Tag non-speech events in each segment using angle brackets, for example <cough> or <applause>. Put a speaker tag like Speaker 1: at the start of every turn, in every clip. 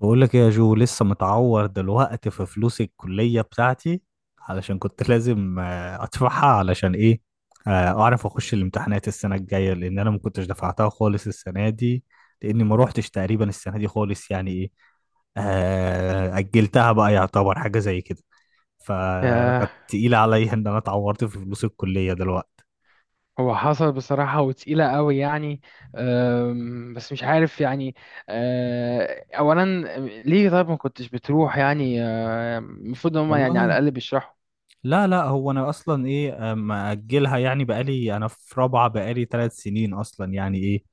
Speaker 1: بقول لك إيه يا جو، لسه متعور دلوقتي في فلوس الكلية بتاعتي علشان كنت <laughs> لازم ادفعها. علشان ايه؟ اعرف اخش الامتحانات السنة الجاية لان انا ما كنتش دفعتها خالص السنة دي، لاني ما روحتش تقريبا السنة دي خالص. يعني ايه؟ اجلتها بقى، يعتبر حاجة زي كده. ف-
Speaker 2: آه،
Speaker 1: فكانت تقيلة عليا ان انا اتعورت في فلوس الكلية دلوقتي.
Speaker 2: هو حصل بصراحة وتقيلة قوي يعني. بس مش عارف يعني. أولا، ليه طيب ما كنتش بتروح يعني؟ المفروض إن هما يعني على
Speaker 1: والله
Speaker 2: الأقل بيشرحوا.
Speaker 1: لا لا، هو انا اصلا ايه مأجلها. يعني بقالي انا في رابعة، بقالي 3 سنين اصلا. يعني ايه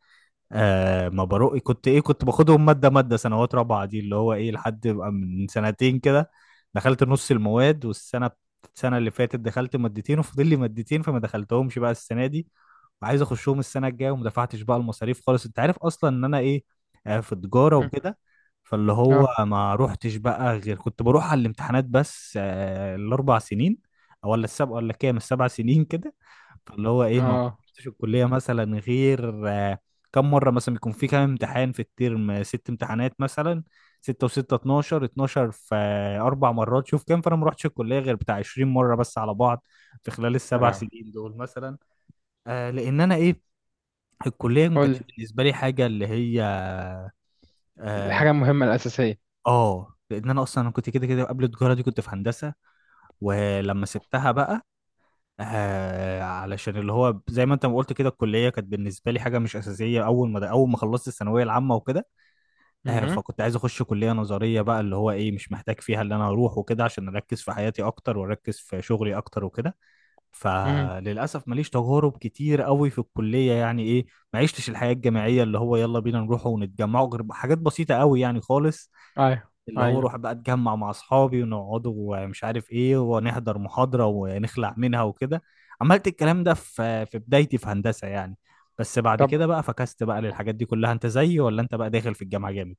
Speaker 1: آه ما بروق، كنت ايه، كنت باخدهم مادة مادة سنوات رابعة دي اللي هو ايه لحد ما من سنتين كده دخلت نص المواد. والسنة السنة اللي فاتت دخلت مادتين وفاضل لي مادتين، فما دخلتهمش بقى السنة دي. عايز اخشهم السنه الجايه وما دفعتش بقى المصاريف خالص. انت عارف اصلا ان انا ايه، في تجاره
Speaker 2: مم.
Speaker 1: وكده. فاللي هو
Speaker 2: اه،
Speaker 1: ما روحتش بقى، غير كنت بروح على الامتحانات بس الاربع سنين او ولا السبع ولا كام، السبع سنين <laughs> كده. فاللي هو ايه، ما
Speaker 2: اه.
Speaker 1: رحتش الكليه مثلا غير كم مره. مثلا بيكون في كام امتحان في الترم؟ ست امتحانات مثلا، ستة وستة 12، 12 في أربع مرات. شوف كام. فأنا ما رحتش الكلية غير بتاع 20 مرة بس على بعض في خلال
Speaker 2: يا
Speaker 1: السبع
Speaker 2: لهوي.
Speaker 1: سنين دول مثلا. آه لان انا ايه، الكليه ما
Speaker 2: قولي.
Speaker 1: كانتش بالنسبه لي حاجه اللي هي. اه
Speaker 2: الحاجة المهمة الأساسية.
Speaker 1: لان انا اصلا كنت كده كده، قبل التجاره دي كنت في هندسه. ولما سبتها بقى، آه علشان اللي هو زي ما انت ما قلت كده، الكليه كانت بالنسبه لي حاجه مش اساسيه اول ما خلصت الثانويه العامه وكده. آه
Speaker 2: مهم.
Speaker 1: فكنت عايز اخش كليه نظريه بقى اللي هو ايه، مش محتاج فيها اللي انا اروح وكده، عشان اركز في حياتي اكتر واركز في شغلي اكتر وكده.
Speaker 2: مهم.
Speaker 1: فللاسف ماليش تجارب كتير قوي في الكليه يعني ايه. ما عشتش الحياه الجامعيه اللي هو يلا بينا نروح ونتجمع، غير حاجات بسيطه قوي يعني خالص.
Speaker 2: أيوه،
Speaker 1: اللي هو
Speaker 2: أيوه.
Speaker 1: روح بقى اتجمع مع اصحابي ونقعد ومش عارف ايه، ونحضر محاضره ونخلع منها وكده. عملت الكلام ده في بدايتي في هندسه يعني. بس بعد
Speaker 2: طب،
Speaker 1: كده بقى فكست بقى للحاجات دي كلها. انت زيي ولا انت بقى داخل في الجامعه جامد؟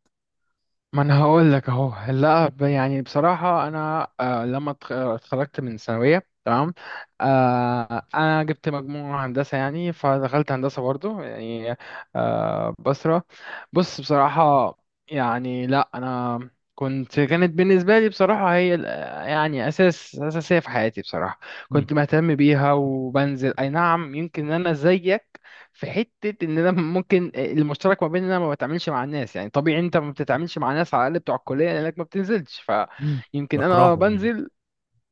Speaker 2: ما انا هقول لك اهو. لا، يعني بصراحه انا، لما اتخرجت من ثانويه، تمام. انا جبت مجموع هندسه يعني، فدخلت هندسه برضو يعني. آه بصرة بص، بصراحه، يعني لا انا كانت بالنسبه لي بصراحه هي يعني اساسيه في حياتي بصراحه.
Speaker 1: امم
Speaker 2: كنت مهتم بيها وبنزل، اي نعم، يمكن انا زيك في حتة ان انا ممكن، المشترك ما بين ان انا ما بتعاملش مع الناس يعني طبيعي انت ما بتتعاملش مع ناس على الاقل بتوع الكلية لانك ما بتنزلش،
Speaker 1: امم
Speaker 2: فيمكن انا
Speaker 1: بكرههم يعني.
Speaker 2: بنزل.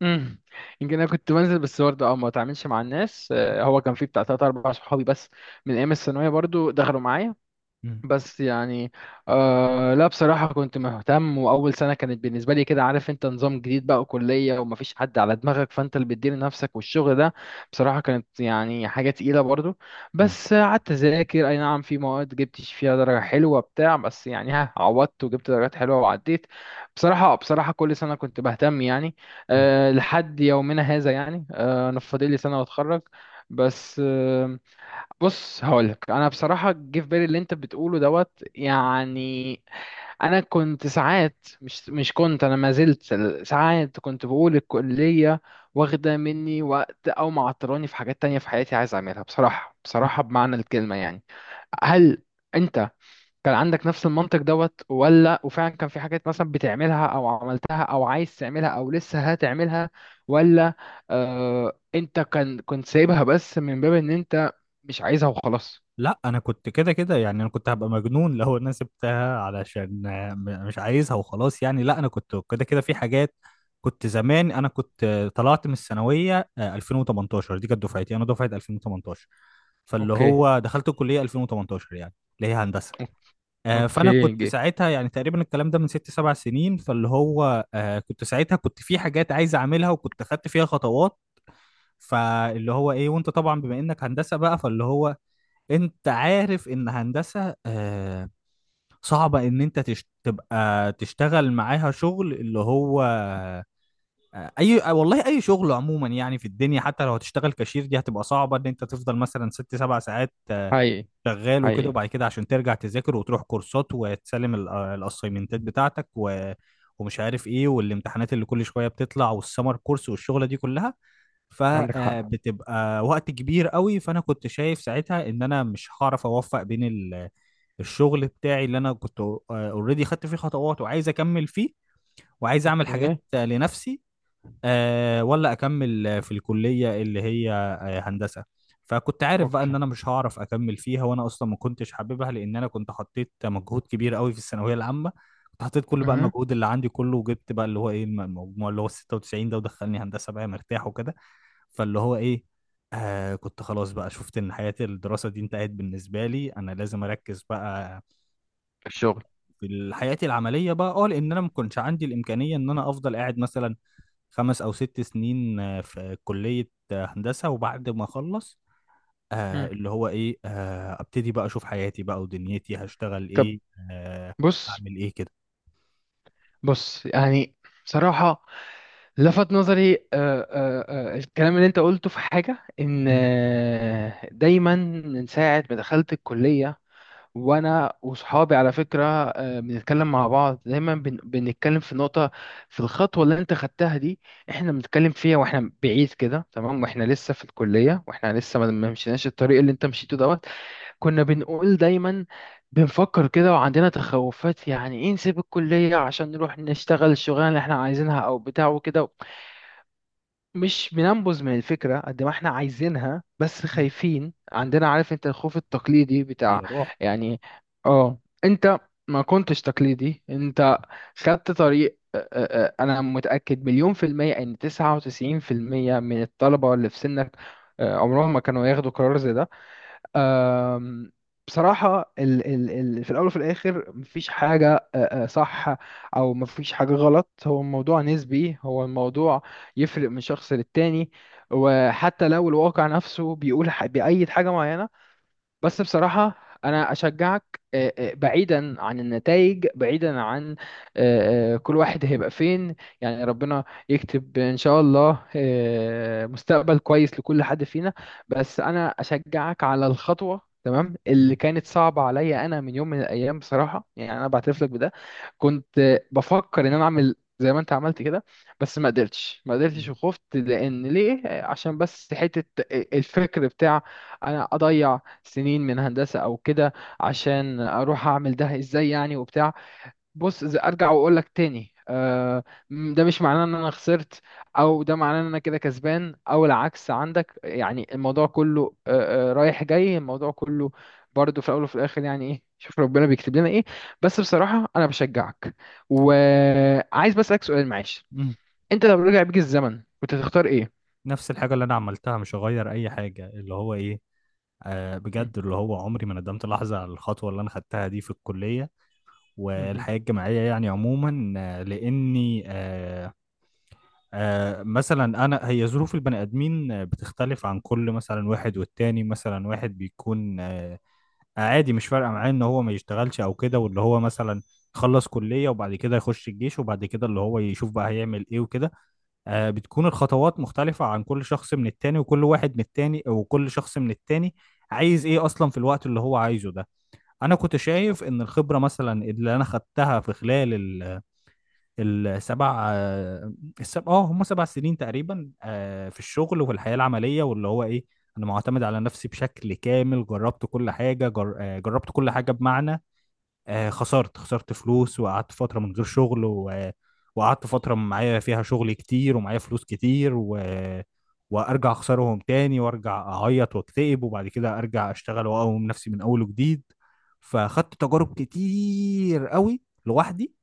Speaker 2: مم. يمكن انا كنت بنزل بس برضه ما بتعاملش مع الناس. هو كان في بتاع تلات اربع صحابي بس، من ايام الثانوية برضه دخلوا معايا.
Speaker 1: امم
Speaker 2: بس يعني، لا بصراحة كنت مهتم. وأول سنة كانت بالنسبة لي كده، عارف أنت، نظام جديد بقى وكلية ومفيش حد على دماغك، فأنت اللي بتدير نفسك والشغل ده. بصراحة كانت يعني حاجة تقيلة برضو. بس قعدت أذاكر، أي نعم في مواد جبتش فيها درجة حلوة بتاع، بس يعني ها عوضت وجبت درجات حلوة وعديت. بصراحة بصراحة كل سنة كنت بهتم يعني.
Speaker 1: امم
Speaker 2: لحد يومنا هذا يعني. أنا فاضل لي سنة وأتخرج. بس، بص هقولك انا بصراحه، جه في بالي اللي انت بتقوله دوت يعني. انا كنت ساعات مش كنت، انا ما زلت ساعات كنت بقول الكليه واخده مني وقت او معطلاني في حاجات تانية في حياتي عايز اعملها، بصراحه بصراحه بمعنى الكلمه يعني. هل انت كان عندك نفس المنطق دوت، ولا وفعلا كان في حاجات مثلا بتعملها او عملتها او عايز تعملها او لسه هتعملها؟ ولا انت كنت سايبها بس من باب ان انت مش عايزها وخلاص؟
Speaker 1: لا انا كنت كده كده يعني، انا كنت هبقى مجنون لو انا سبتها علشان مش عايزها وخلاص يعني. لا انا كنت كده كده في حاجات كنت زمان. انا كنت طلعت من الثانويه 2018. دي كانت دفعتي، انا دفعه 2018 فاللي
Speaker 2: اوكي.
Speaker 1: هو دخلت الكليه 2018 يعني، اللي هي هندسه. فانا
Speaker 2: اوكي
Speaker 1: كنت
Speaker 2: جي.
Speaker 1: ساعتها يعني تقريبا الكلام ده من ست سبع سنين. فاللي هو كنت ساعتها، كنت في حاجات عايز اعملها وكنت خدت فيها خطوات. فاللي هو ايه، وانت طبعا بما انك هندسه بقى، فاللي هو انت عارف ان هندسة صعبة ان انت تبقى تشتغل معاها شغل اللي هو آه، اي آه، والله اي شغل عموما يعني في الدنيا، حتى لو هتشتغل كاشير دي هتبقى صعبة ان انت تفضل مثلا ست سبع ساعات
Speaker 2: حقيقي.
Speaker 1: شغال وكده.
Speaker 2: حقيقي.
Speaker 1: وبعد كده عشان ترجع تذاكر وتروح كورسات وتسلم الاسايمنتات بتاعتك و... ومش عارف ايه، والامتحانات اللي كل شوية بتطلع والسمر كورس والشغلة دي كلها،
Speaker 2: عندك حق.
Speaker 1: فبتبقى وقت كبير قوي. فانا كنت شايف ساعتها ان انا مش هعرف اوفق بين الشغل بتاعي اللي انا كنت اوريدي خدت فيه خطوات وعايز اكمل فيه وعايز اعمل
Speaker 2: اوكي.
Speaker 1: حاجات لنفسي ولا اكمل في الكلية اللي هي هندسة. فكنت عارف بقى ان
Speaker 2: اوكي.
Speaker 1: انا مش هعرف اكمل فيها، وانا اصلا ما كنتش حاببها لان انا كنت حطيت مجهود كبير قوي في الثانوية العامة. كنت حطيت كل بقى
Speaker 2: اها.
Speaker 1: المجهود اللي عندي كله، وجبت بقى اللي هو ايه المجموع اللي هو 96 ده، ودخلني هندسة بقى مرتاح وكده. فاللي هو ايه، آه كنت خلاص بقى شفت ان حياة الدراسة دي انتهت بالنسبة لي، انا لازم اركز بقى
Speaker 2: الشغل.
Speaker 1: في حياتي العملية بقى اه. لان انا ما كنتش عندي الامكانية ان انا افضل قاعد مثلا خمس او ست سنين في كلية هندسة. وبعد ما اخلص آه
Speaker 2: مم.
Speaker 1: اللي هو ايه آه ابتدي بقى اشوف حياتي بقى ودنيتي هشتغل
Speaker 2: طب.
Speaker 1: ايه. آه
Speaker 2: بص.
Speaker 1: اعمل ايه كده.
Speaker 2: بص يعني، بصراحة لفت نظري الكلام اللي انت قلته في حاجة، ان
Speaker 1: م-
Speaker 2: دايما من ساعة ما دخلت الكلية، وانا وصحابي على فكره، بنتكلم مع بعض دايما، بنتكلم في نقطه، في الخطوه اللي انت خدتها دي. احنا بنتكلم فيها واحنا بعيد كده، تمام، واحنا لسه في الكليه واحنا لسه ما مشيناش الطريق اللي انت مشيته دوت. كنا بنقول دايما، بنفكر كده وعندنا تخوفات، يعني ايه نسيب الكليه عشان نروح نشتغل الشغلانه اللي احنا عايزينها او بتاع وكده. مش بننبذ من الفكرة قد ما احنا عايزينها، بس
Speaker 1: م.
Speaker 2: خايفين، عندنا عارف انت الخوف التقليدي بتاع،
Speaker 1: هي روح.
Speaker 2: يعني اه انت ما كنتش تقليدي انت، خدت طريق. اه، انا متأكد مليون في المية ان 99% من الطلبة اللي في سنك اه، عمرهم ما كانوا ياخدوا قرار زي ده. أم، بصراحة، ال ال ال في الأول وفي الآخر مفيش حاجة أ- أ، صح أو مفيش حاجة غلط، هو الموضوع نسبي. هو الموضوع يفرق من شخص للتاني. وحتى لو الواقع نفسه بيقول بيأيد حاجة معينة، بس بصراحة أنا أشجعك، بعيدا عن النتائج، بعيدا عن كل واحد هيبقى فين، يعني ربنا يكتب إن شاء الله مستقبل كويس لكل حد فينا. بس أنا أشجعك على الخطوة، تمام، اللي
Speaker 1: م-
Speaker 2: كانت صعبة عليا أنا من يوم من الأيام بصراحة، يعني أنا بعترف لك بده، كنت بفكر إن أنا أعمل زي ما أنت عملت كده، بس ما قدرتش ما قدرتش
Speaker 1: م-
Speaker 2: وخفت. لأن ليه؟ عشان بس حتة الفكر بتاع أنا أضيع سنين من هندسة او كده عشان اروح اعمل ده ازاي يعني وبتاع. بص، إذا ارجع واقول لك تاني، ده مش معناه ان انا خسرت او ده معناه ان انا كده كسبان او العكس، عندك يعني الموضوع كله رايح جاي، الموضوع كله برضه في الاول وفي الاخر، يعني ايه، شوف ربنا بيكتب لنا ايه. بس بصراحة انا بشجعك، وعايز بس اسالك سؤال معلش،
Speaker 1: م.
Speaker 2: انت لو رجع بيك الزمن كنت تختار ايه؟
Speaker 1: نفس الحاجة اللي انا عملتها مش هغير اي حاجة اللي هو ايه،
Speaker 2: مم.
Speaker 1: بجد اللي هو عمري ما ندمت لحظة على الخطوة اللي أنا خدتها دي في الكلية
Speaker 2: مهم.
Speaker 1: والحياة الجامعية يعني عموما لأني مثلا أنا هي ظروف البني آدمين بتختلف عن كل مثلا واحد والتاني. مثلا واحد بيكون عادي مش فارقة معاه إن هو ما يشتغلش أو كده، واللي هو مثلا يخلص كلية وبعد كده يخش الجيش وبعد كده اللي هو يشوف بقى هيعمل إيه وكده. بتكون الخطوات مختلفة عن كل شخص من التاني، وكل واحد من التاني، وكل شخص من التاني عايز ايه اصلا في الوقت اللي هو عايزه ده. انا كنت
Speaker 2: مظبوط.
Speaker 1: شايف ان الخبرة مثلا اللي انا خدتها في خلال السبع آه، السبع اه هم 7 سنين تقريبا في الشغل وفي الحياة العملية. واللي هو ايه، انا معتمد على نفسي بشكل كامل. جربت كل حاجة جر... آه، جربت كل حاجة بمعنى خسرت فلوس وقعدت فترة من غير شغل و... وقعدت فترة معايا فيها شغل كتير ومعايا فلوس كتير و... وارجع اخسرهم تاني وارجع اعيط واكتئب وبعد كده ارجع اشتغل واقوم نفسي من اول وجديد. فاخدت تجارب كتير قوي لوحدي.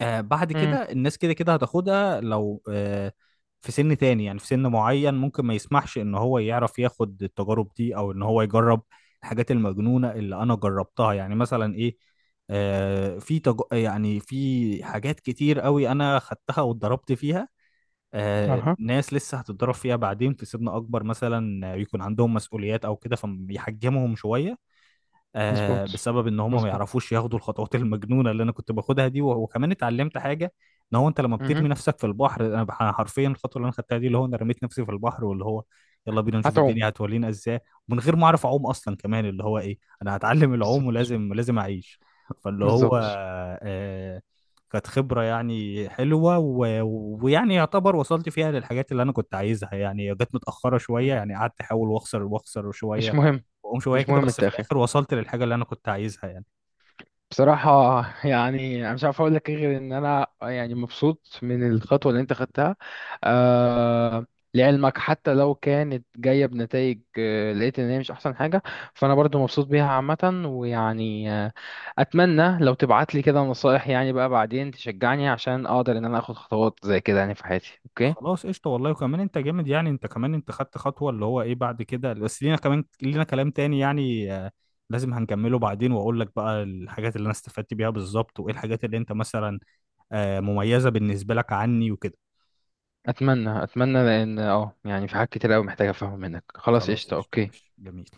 Speaker 1: آه بعد
Speaker 2: مم.
Speaker 1: كده الناس كده كده هتاخدها لو آه في سن تاني. يعني في سن معين ممكن ما يسمحش ان هو يعرف ياخد التجارب دي او ان هو يجرب الحاجات المجنونة اللي انا جربتها. يعني مثلا ايه، يعني في حاجات كتير قوي انا خدتها واتضربت فيها. آه
Speaker 2: اها.
Speaker 1: ناس لسه هتتضرب فيها بعدين في سن اكبر مثلا يكون عندهم مسؤوليات او كده فبيحجمهم شوية
Speaker 2: مظبوط.
Speaker 1: بسبب ان هم ما
Speaker 2: مظبوط.
Speaker 1: يعرفوش ياخدوا الخطوات <laughs> المجنونه اللي انا كنت باخدها دي. وكمان اتعلمت حاجه ان هو انت لما بترمي نفسك في البحر، انا حرفيا الخطوه اللي انا خدتها دي اللي هو انا رميت نفسي في البحر، واللي هو يلا بينا نشوف
Speaker 2: هتعوم.
Speaker 1: الدنيا هتولينا ازاي، ومن غير ما اعرف اعوم اصلا كمان. اللي هو ايه، انا هتعلم العوم
Speaker 2: بالظبط.
Speaker 1: ولازم لازم اعيش. فاللي هو
Speaker 2: بالظبط.
Speaker 1: آه، كانت خبره يعني حلوه ويعني يعتبر وصلت فيها للحاجات اللي انا كنت عايزها يعني. جت متاخره
Speaker 2: م.
Speaker 1: شويه يعني، قعدت احاول واخسر واخسر
Speaker 2: مش
Speaker 1: شويه،
Speaker 2: مهم.
Speaker 1: واقوم شويه
Speaker 2: مش
Speaker 1: كده،
Speaker 2: مهم
Speaker 1: بس في
Speaker 2: التأخير.
Speaker 1: الاخر وصلت للحاجه اللي انا كنت عايزها يعني.
Speaker 2: بصراحة يعني أنا مش عارف أقول لك إيه غير إن أنا يعني مبسوط من الخطوة اللي أنت خدتها. آه لعلمك، حتى لو كانت جاية بنتائج، لقيت إن هي مش أحسن حاجة، فأنا برضو مبسوط بيها عامة، ويعني أتمنى لو تبعت لي كده نصائح، يعني بقى بعدين تشجعني عشان أقدر إن أنا آخد خطوات زي كده يعني في حياتي. أوكي.
Speaker 1: خلاص قشطه والله. وكمان انت جامد يعني، انت كمان انت خدت خطوه اللي هو ايه بعد كده، بس لينا كمان لينا كلام تاني يعني لازم هنكمله بعدين. واقول لك بقى الحاجات اللي انا استفدت بيها بالظبط، وايه الحاجات اللي انت مثلا مميزه بالنسبه لك عني وكده.
Speaker 2: اتمنى اتمنى لان يعني في حاجات كتير قوي محتاجه افهم منك. خلاص
Speaker 1: خلاص
Speaker 2: قشطه.
Speaker 1: قشطه،
Speaker 2: اوكي.
Speaker 1: ماشي جميل.